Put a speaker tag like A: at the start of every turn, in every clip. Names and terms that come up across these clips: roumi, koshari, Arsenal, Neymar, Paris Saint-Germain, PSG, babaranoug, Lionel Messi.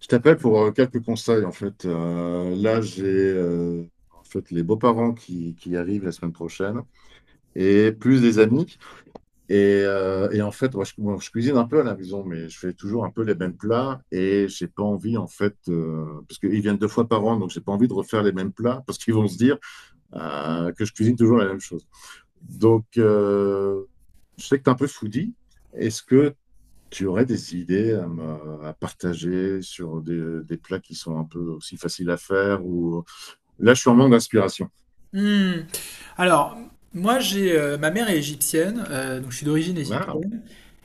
A: Je t'appelle pour quelques conseils en fait. Là, j'ai en fait les beaux-parents qui arrivent la semaine prochaine et plus des amis. Et en fait, moi, je cuisine un peu à la maison, mais je fais toujours un peu les mêmes plats et j'ai pas envie en fait parce qu'ils viennent deux fois par an, donc j'ai pas envie de refaire les mêmes plats parce qu'ils vont se dire que je cuisine toujours la même chose. Donc, euh, je sais que tu es un peu foodie. Est-ce que tu aurais des idées à, à partager sur des plats qui sont un peu aussi faciles à faire Là, je suis en manque d'inspiration.
B: Hmm. Alors, moi, j'ai ma mère est égyptienne, donc je suis d'origine
A: Ah,
B: égyptienne,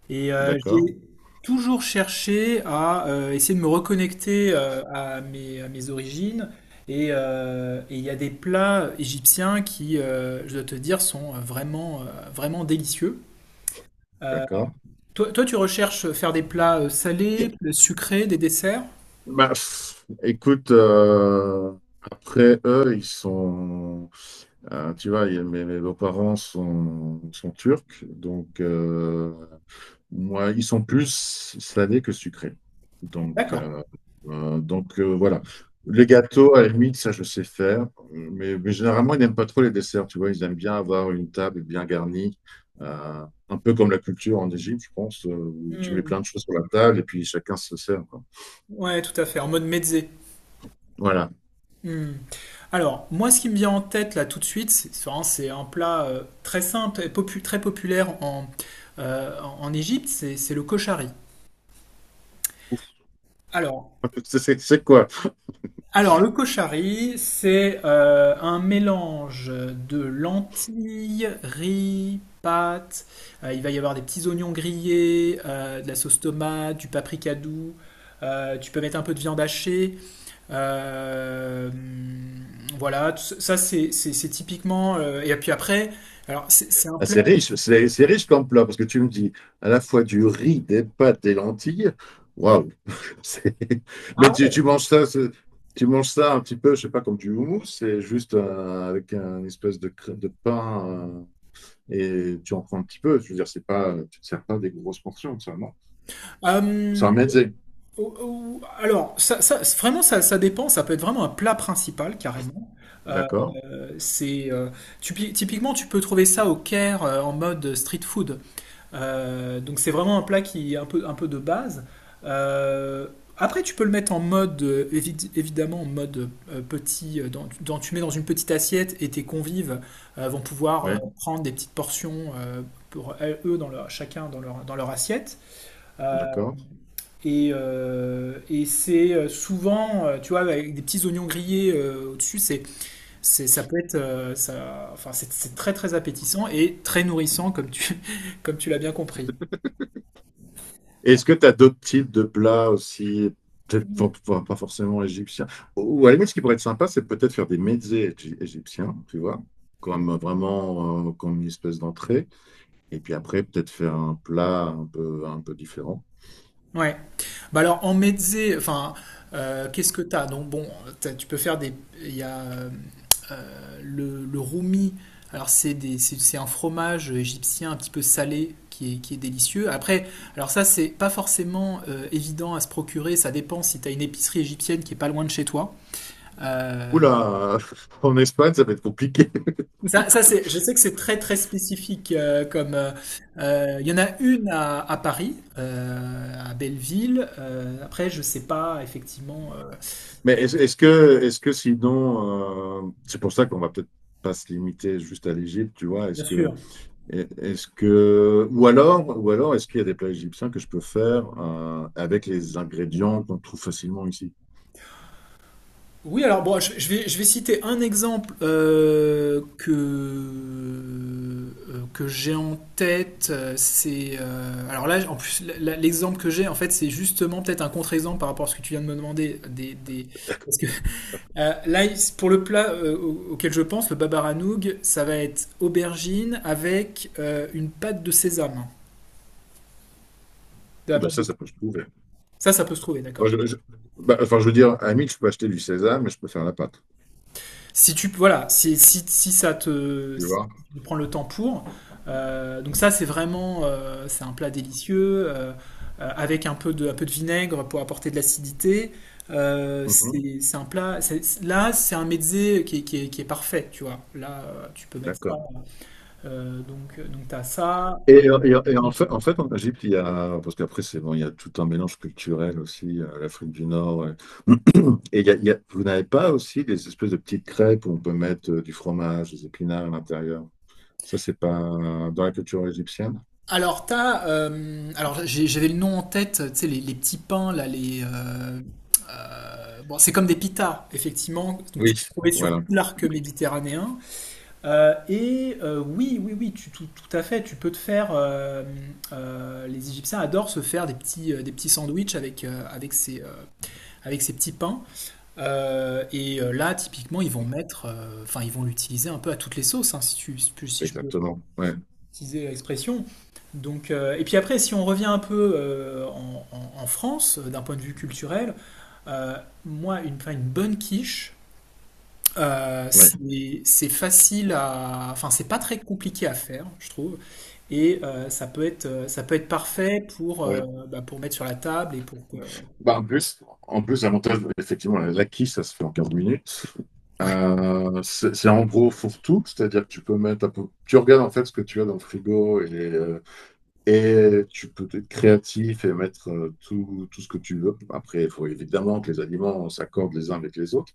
B: et
A: d'accord,
B: j'ai toujours cherché à essayer de me reconnecter à à mes origines. Et il y a des plats égyptiens qui, je dois te dire, sont vraiment délicieux. Euh,
A: d'accord.
B: toi, tu recherches faire des plats salés, sucrés, des desserts?
A: Bah, pff, écoute, après eux, tu vois, mes beaux-parents sont turcs, moi, ils sont plus salés que sucrés. Donc,
B: D'accord.
A: euh, voilà. Les gâteaux, à la limite, ça, je sais faire. Mais généralement, ils n'aiment pas trop les desserts. Tu vois, ils aiment bien avoir une table bien garnie, un peu comme la culture en Égypte, je pense, où tu mets
B: Hmm.
A: plein de choses sur la table et puis chacun se sert, quoi.
B: Ouais, tout à fait, en mode mezzé.
A: Voilà.
B: Hmm. Alors, moi, ce qui me vient en tête là tout de suite, c'est un plat très simple et très populaire en Égypte, c'est le koshari. Alors,
A: C'est quoi?
B: alors le koshari, c'est un mélange de lentilles, riz, pâtes. Il va y avoir des petits oignons grillés, de la sauce tomate, du paprika doux. Tu peux mettre un peu de viande hachée. Euh, voilà, ça c'est typiquement. Et puis après, alors c'est un
A: Ah,
B: plat.
A: c'est riche. C'est riche comme plat parce que tu me dis à la fois du riz, des pâtes, des lentilles. Waouh, C'est- Mais
B: Ah
A: tu
B: ouais.
A: manges ça, tu manges ça un petit peu, je sais pas, comme du houmous, c'est juste avec un espèce de, de pain, euh, et tu en prends un petit peu. Je veux dire, c'est pas, tu te sers pas des grosses portions, ça, non? C'est
B: Euh,
A: un mezzé,
B: alors, vraiment, ça dépend. Ça peut être vraiment un plat principal carrément. Euh,
A: d'accord?
B: c'est typiquement, tu peux trouver ça au Caire en mode street food. Donc c'est vraiment un plat qui est un peu de base. Euh, Après, tu peux le mettre en mode, évidemment, en mode petit, tu mets dans une petite assiette et tes convives vont pouvoir
A: Oui,
B: prendre des petites portions pour eux, chacun dans dans leur assiette. Euh,
A: d'accord.
B: et c'est souvent, tu vois, avec des petits oignons grillés au-dessus, ça peut être, enfin, c'est très très appétissant et très nourrissant, comme tu, comme tu l'as bien compris.
A: Est-ce que tu as d'autres types de plats aussi, peut-être pas, pas forcément égyptiens? Ou à la limite, ce qui pourrait être sympa, c'est peut-être faire des mezzés égyptiens, tu vois, comme vraiment comme une espèce d'entrée. Et puis après, peut-être faire un plat un peu différent.
B: Ouais. Bah alors en mezze, enfin, qu'est-ce que t'as? Donc bon, tu peux faire des. Il y a le roumi. Alors c'est des, c'est un fromage égyptien un petit peu salé qui est délicieux. Après, alors ça c'est pas forcément évident à se procurer. Ça dépend si t'as une épicerie égyptienne qui est pas loin de chez toi. Euh,
A: Oula, en Espagne, ça va être compliqué.
B: Ça c'est, je sais que c'est très très spécifique. Comme Il y en a une à Paris, à Belleville. Après, je sais pas effectivement.
A: Mais est-ce que sinon, c'est pour ça qu'on va peut-être pas se limiter juste à l'Égypte, tu vois.
B: Bien sûr.
A: Est-ce que, ou alors, est-ce qu'il y a des plats égyptiens que je peux faire avec les ingrédients qu'on trouve facilement ici?
B: Oui, alors bon, je vais citer un exemple que j'ai en tête. C'est alors là, en plus, l'exemple que j'ai en fait, c'est justement peut-être un contre-exemple par rapport à ce que tu viens de me demander des parce que là, pour le plat auquel je pense, le babaranoug, ça va être aubergine avec une pâte de sésame. De la
A: Oui, bah
B: pâte
A: ça,
B: de-
A: ça peut se trouver.
B: Ça peut se trouver,
A: Moi,
B: d'accord.
A: bah, enfin, je veux dire, à la limite, je peux acheter du sésame, mais je peux faire la pâte,
B: Si tu, voilà, si, si, Si ça te,
A: tu
B: si
A: vois.
B: tu prends le temps pour. Donc ça, c'est vraiment, c'est un plat délicieux avec un peu de vinaigre pour apporter de l'acidité.
A: Mhm.
B: C'est un plat. C'est- Là, c'est un mezzé qui est parfait, tu vois. Là, tu peux mettre ça.
A: D'accord.
B: Donc tu as ça.
A: Et, et en fait, en fait, en Égypte, il y a, parce qu'après, c'est bon, il y a tout un mélange culturel aussi, l'Afrique du Nord. Et, vous n'avez pas aussi des espèces de petites crêpes où on peut mettre du fromage, des épinards à l'intérieur. Ça, c'est pas dans la culture égyptienne?
B: Alors, j'avais le nom en tête, tu sais, les petits pains, bon, c'est comme des pitas, effectivement, donc
A: Oui.
B: tu peux trouver sur tout
A: Voilà,
B: l'arc méditerranéen. Oui, oui, oui, tout à fait, tu peux te faire, les Égyptiens adorent se faire des petits sandwichs avec, avec ces petits pains. Là, typiquement, ils vont mettre, enfin, ils vont l'utiliser un peu à toutes les sauces, hein, si je peux
A: exactement. Ouais,
B: utiliser l'expression. Donc, et puis après, si on revient un peu en France, d'un point de vue culturel, euh, moi, enfin, une bonne quiche,
A: ouais,
B: c'est facile à... Enfin, c'est pas très compliqué à faire, je trouve. Et ça peut être parfait pour,
A: ouais.
B: bah, pour mettre sur la table et pour que...
A: Bah, en plus, l'avantage, effectivement, l'acquis, ça se fait en 15 minutes.
B: Ouais.
A: C'est en gros fourre-tout, c'est-à-dire que tu peux mettre tu regardes en fait ce que tu as dans le frigo et tu peux être créatif et mettre tout ce que tu veux. Après, il faut évidemment que les aliments s'accordent les uns avec les autres.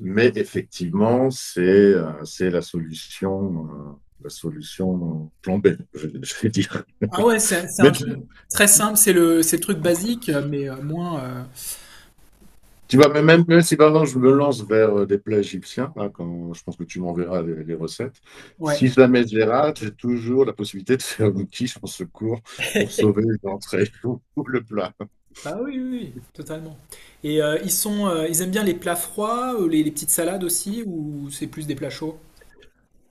A: Mais effectivement, c'est la solution plan B, je vais dire.
B: Ah ouais, c'est un
A: Même, si-
B: truc très simple, c'est le truc basique, mais moins...
A: Tu vois, même si maintenant je me lance vers des plats égyptiens, hein, je pense que tu m'enverras les recettes.
B: Ouais.
A: Si jamais je les rate, j'ai toujours la possibilité de faire un quiche en secours pour sauver l'entrée ou le plat.
B: Bah oui, oui, oui, totalement. Ils sont, ils aiment bien les plats froids, les petites salades aussi, ou c'est plus des plats chauds?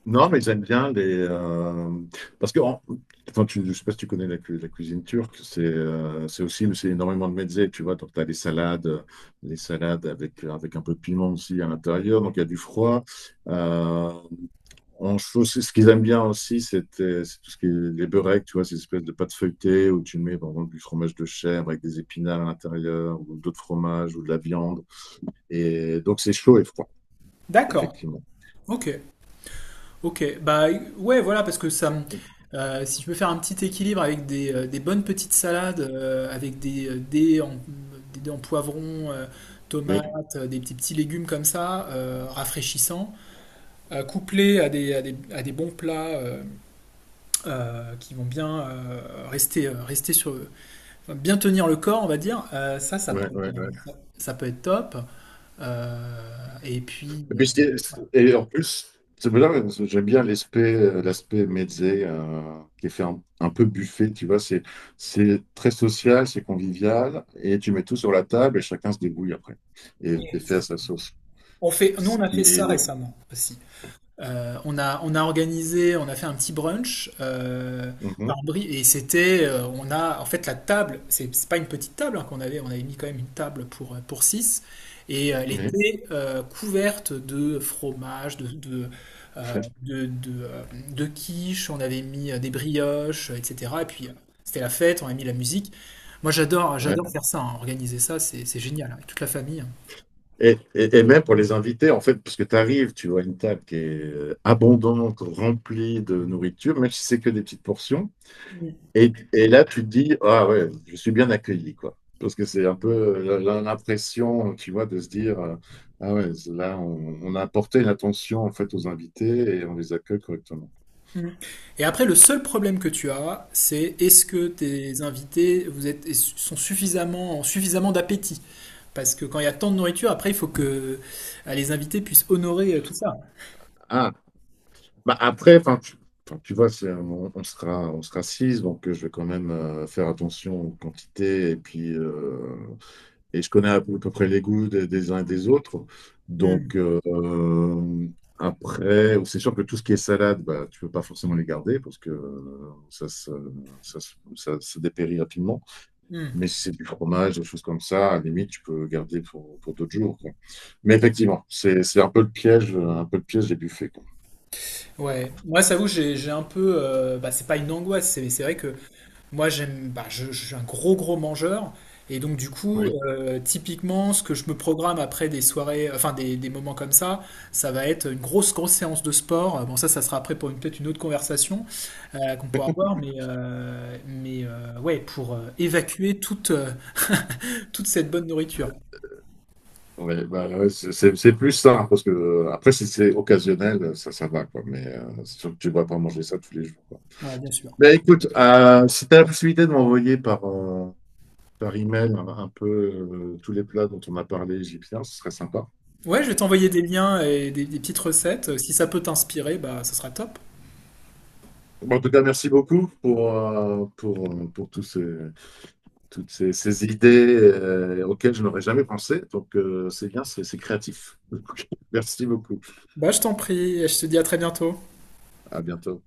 A: Non, mais ils aiment bien les, parce que, enfin, je ne sais pas si tu connais la, la cuisine turque, c'est aussi c'est énormément de mezze, tu vois. Donc, tu as les salades avec, avec un peu de piment aussi à l'intérieur, donc il y a du froid. Euh, en chose, ce qu'ils aiment bien aussi, c'est tout ce qui est les beureks, tu vois, ces espèces de pâtes feuilletées où tu mets, par exemple, du fromage de chèvre avec des épinards à l'intérieur, ou d'autres fromages, ou de la viande. Et donc, c'est chaud et froid,
B: D'accord.
A: effectivement.
B: Ok. Ok. Bah ouais, voilà, parce que ça, me- si je peux faire un petit équilibre avec des bonnes petites salades, avec des des dés en poivron, tomates,
A: Oui,
B: des petits petits légumes comme ça, rafraîchissants, euh, couplés à des bons plats qui vont bien rester sur, bien tenir le corps, on va dire, ça peut
A: ouais,
B: être,
A: ouais, ouais.
B: ça peut être top. Et puis,
A: Et puis, ce qui Et en plus, c'est bien, j'aime bien l'aspect l'aspect mezze qui est fait un peu buffet, tu vois, c'est très social, c'est convivial, et tu mets tout sur la table et chacun se débrouille après
B: euh,
A: et fait à sa sauce.
B: on fait, nous,
A: Ce
B: on a
A: qui
B: fait ça
A: est...
B: récemment aussi. On a organisé, on a fait un petit brunch
A: Mhm,
B: et c'était, on a, en fait, la table, c'est pas une petite table hein, qu'on avait, on avait mis quand même une table pour 6 et elle
A: oui,
B: était couverte de fromage, euh, de, de, euh, de quiche, on avait mis des brioches, etc. Et puis c'était la fête, on a mis la musique. Moi
A: ouais, ouais.
B: j'adore faire ça, hein, organiser ça, c'est génial, hein, avec toute la famille. Hein.
A: Et, et même pour les invités, en fait, parce que tu arrives, tu vois une table qui est abondante, remplie de nourriture, même si c'est que des petites portions. Et là, tu te dis, ah ouais, je suis bien accueilli, quoi. Parce que c'est un peu l'impression, tu vois, de se dire, ah ouais, là, on a apporté une attention, en fait, aux invités et on les accueille correctement.
B: Mm. Et après, le seul problème que tu as, c'est est-ce que tes invités sont suffisamment, ont suffisamment d'appétit? Parce que quand il y a tant de nourriture, après, il faut que les invités puissent honorer tout ça.
A: Ah, bah après, enfin, tu vois, on sera six, je vais quand même faire attention aux quantités et puis et je connais à peu près les goûts des uns et des autres. Donc,
B: Mm.
A: euh, Après, bon, c'est sûr que tout ce qui est salade, bah, tu peux pas forcément les garder parce que ça se dépérit rapidement.
B: Mm.
A: Mais si c'est du fromage, des choses comme ça, à la limite, tu peux garder pour d'autres jours, quoi. Mais effectivement, c'est un peu le piège, un peu le piège des buffets, quoi.
B: J'ai un peu. Euh, bah, c'est pas une angoisse, c'est vrai que moi, j'aime, bah, je suis un gros gros mangeur et donc du coup,
A: Oui,
B: typiquement, ce que je me programme après des soirées, enfin des moments comme ça va être une grosse grosse séance de sport. Bon, ça sera après pour peut-être une autre conversation qu'on pourra avoir, mais ouais, pour évacuer toute toute cette bonne nourriture.
A: ouais, bah, ouais, c'est plus ça, hein, parce que après, si c'est occasionnel, ça va, quoi. Mais c'est sûr que tu ne vas pas manger ça tous les jours, quoi.
B: Ouais, bien sûr.
A: Ben écoute, si tu as la possibilité de m'envoyer par email un peu tous les plats dont on a parlé égyptiens, ce serait sympa.
B: Ouais, je vais t'envoyer des liens et des petites recettes. Si ça peut t'inspirer, bah, ça sera top.
A: Bon, en tout cas, merci beaucoup pour toutes ces idées auxquelles je n'aurais jamais pensé. C'est bien, c'est créatif. Merci beaucoup.
B: Bah, je t'en prie, je te dis à très bientôt.
A: À bientôt.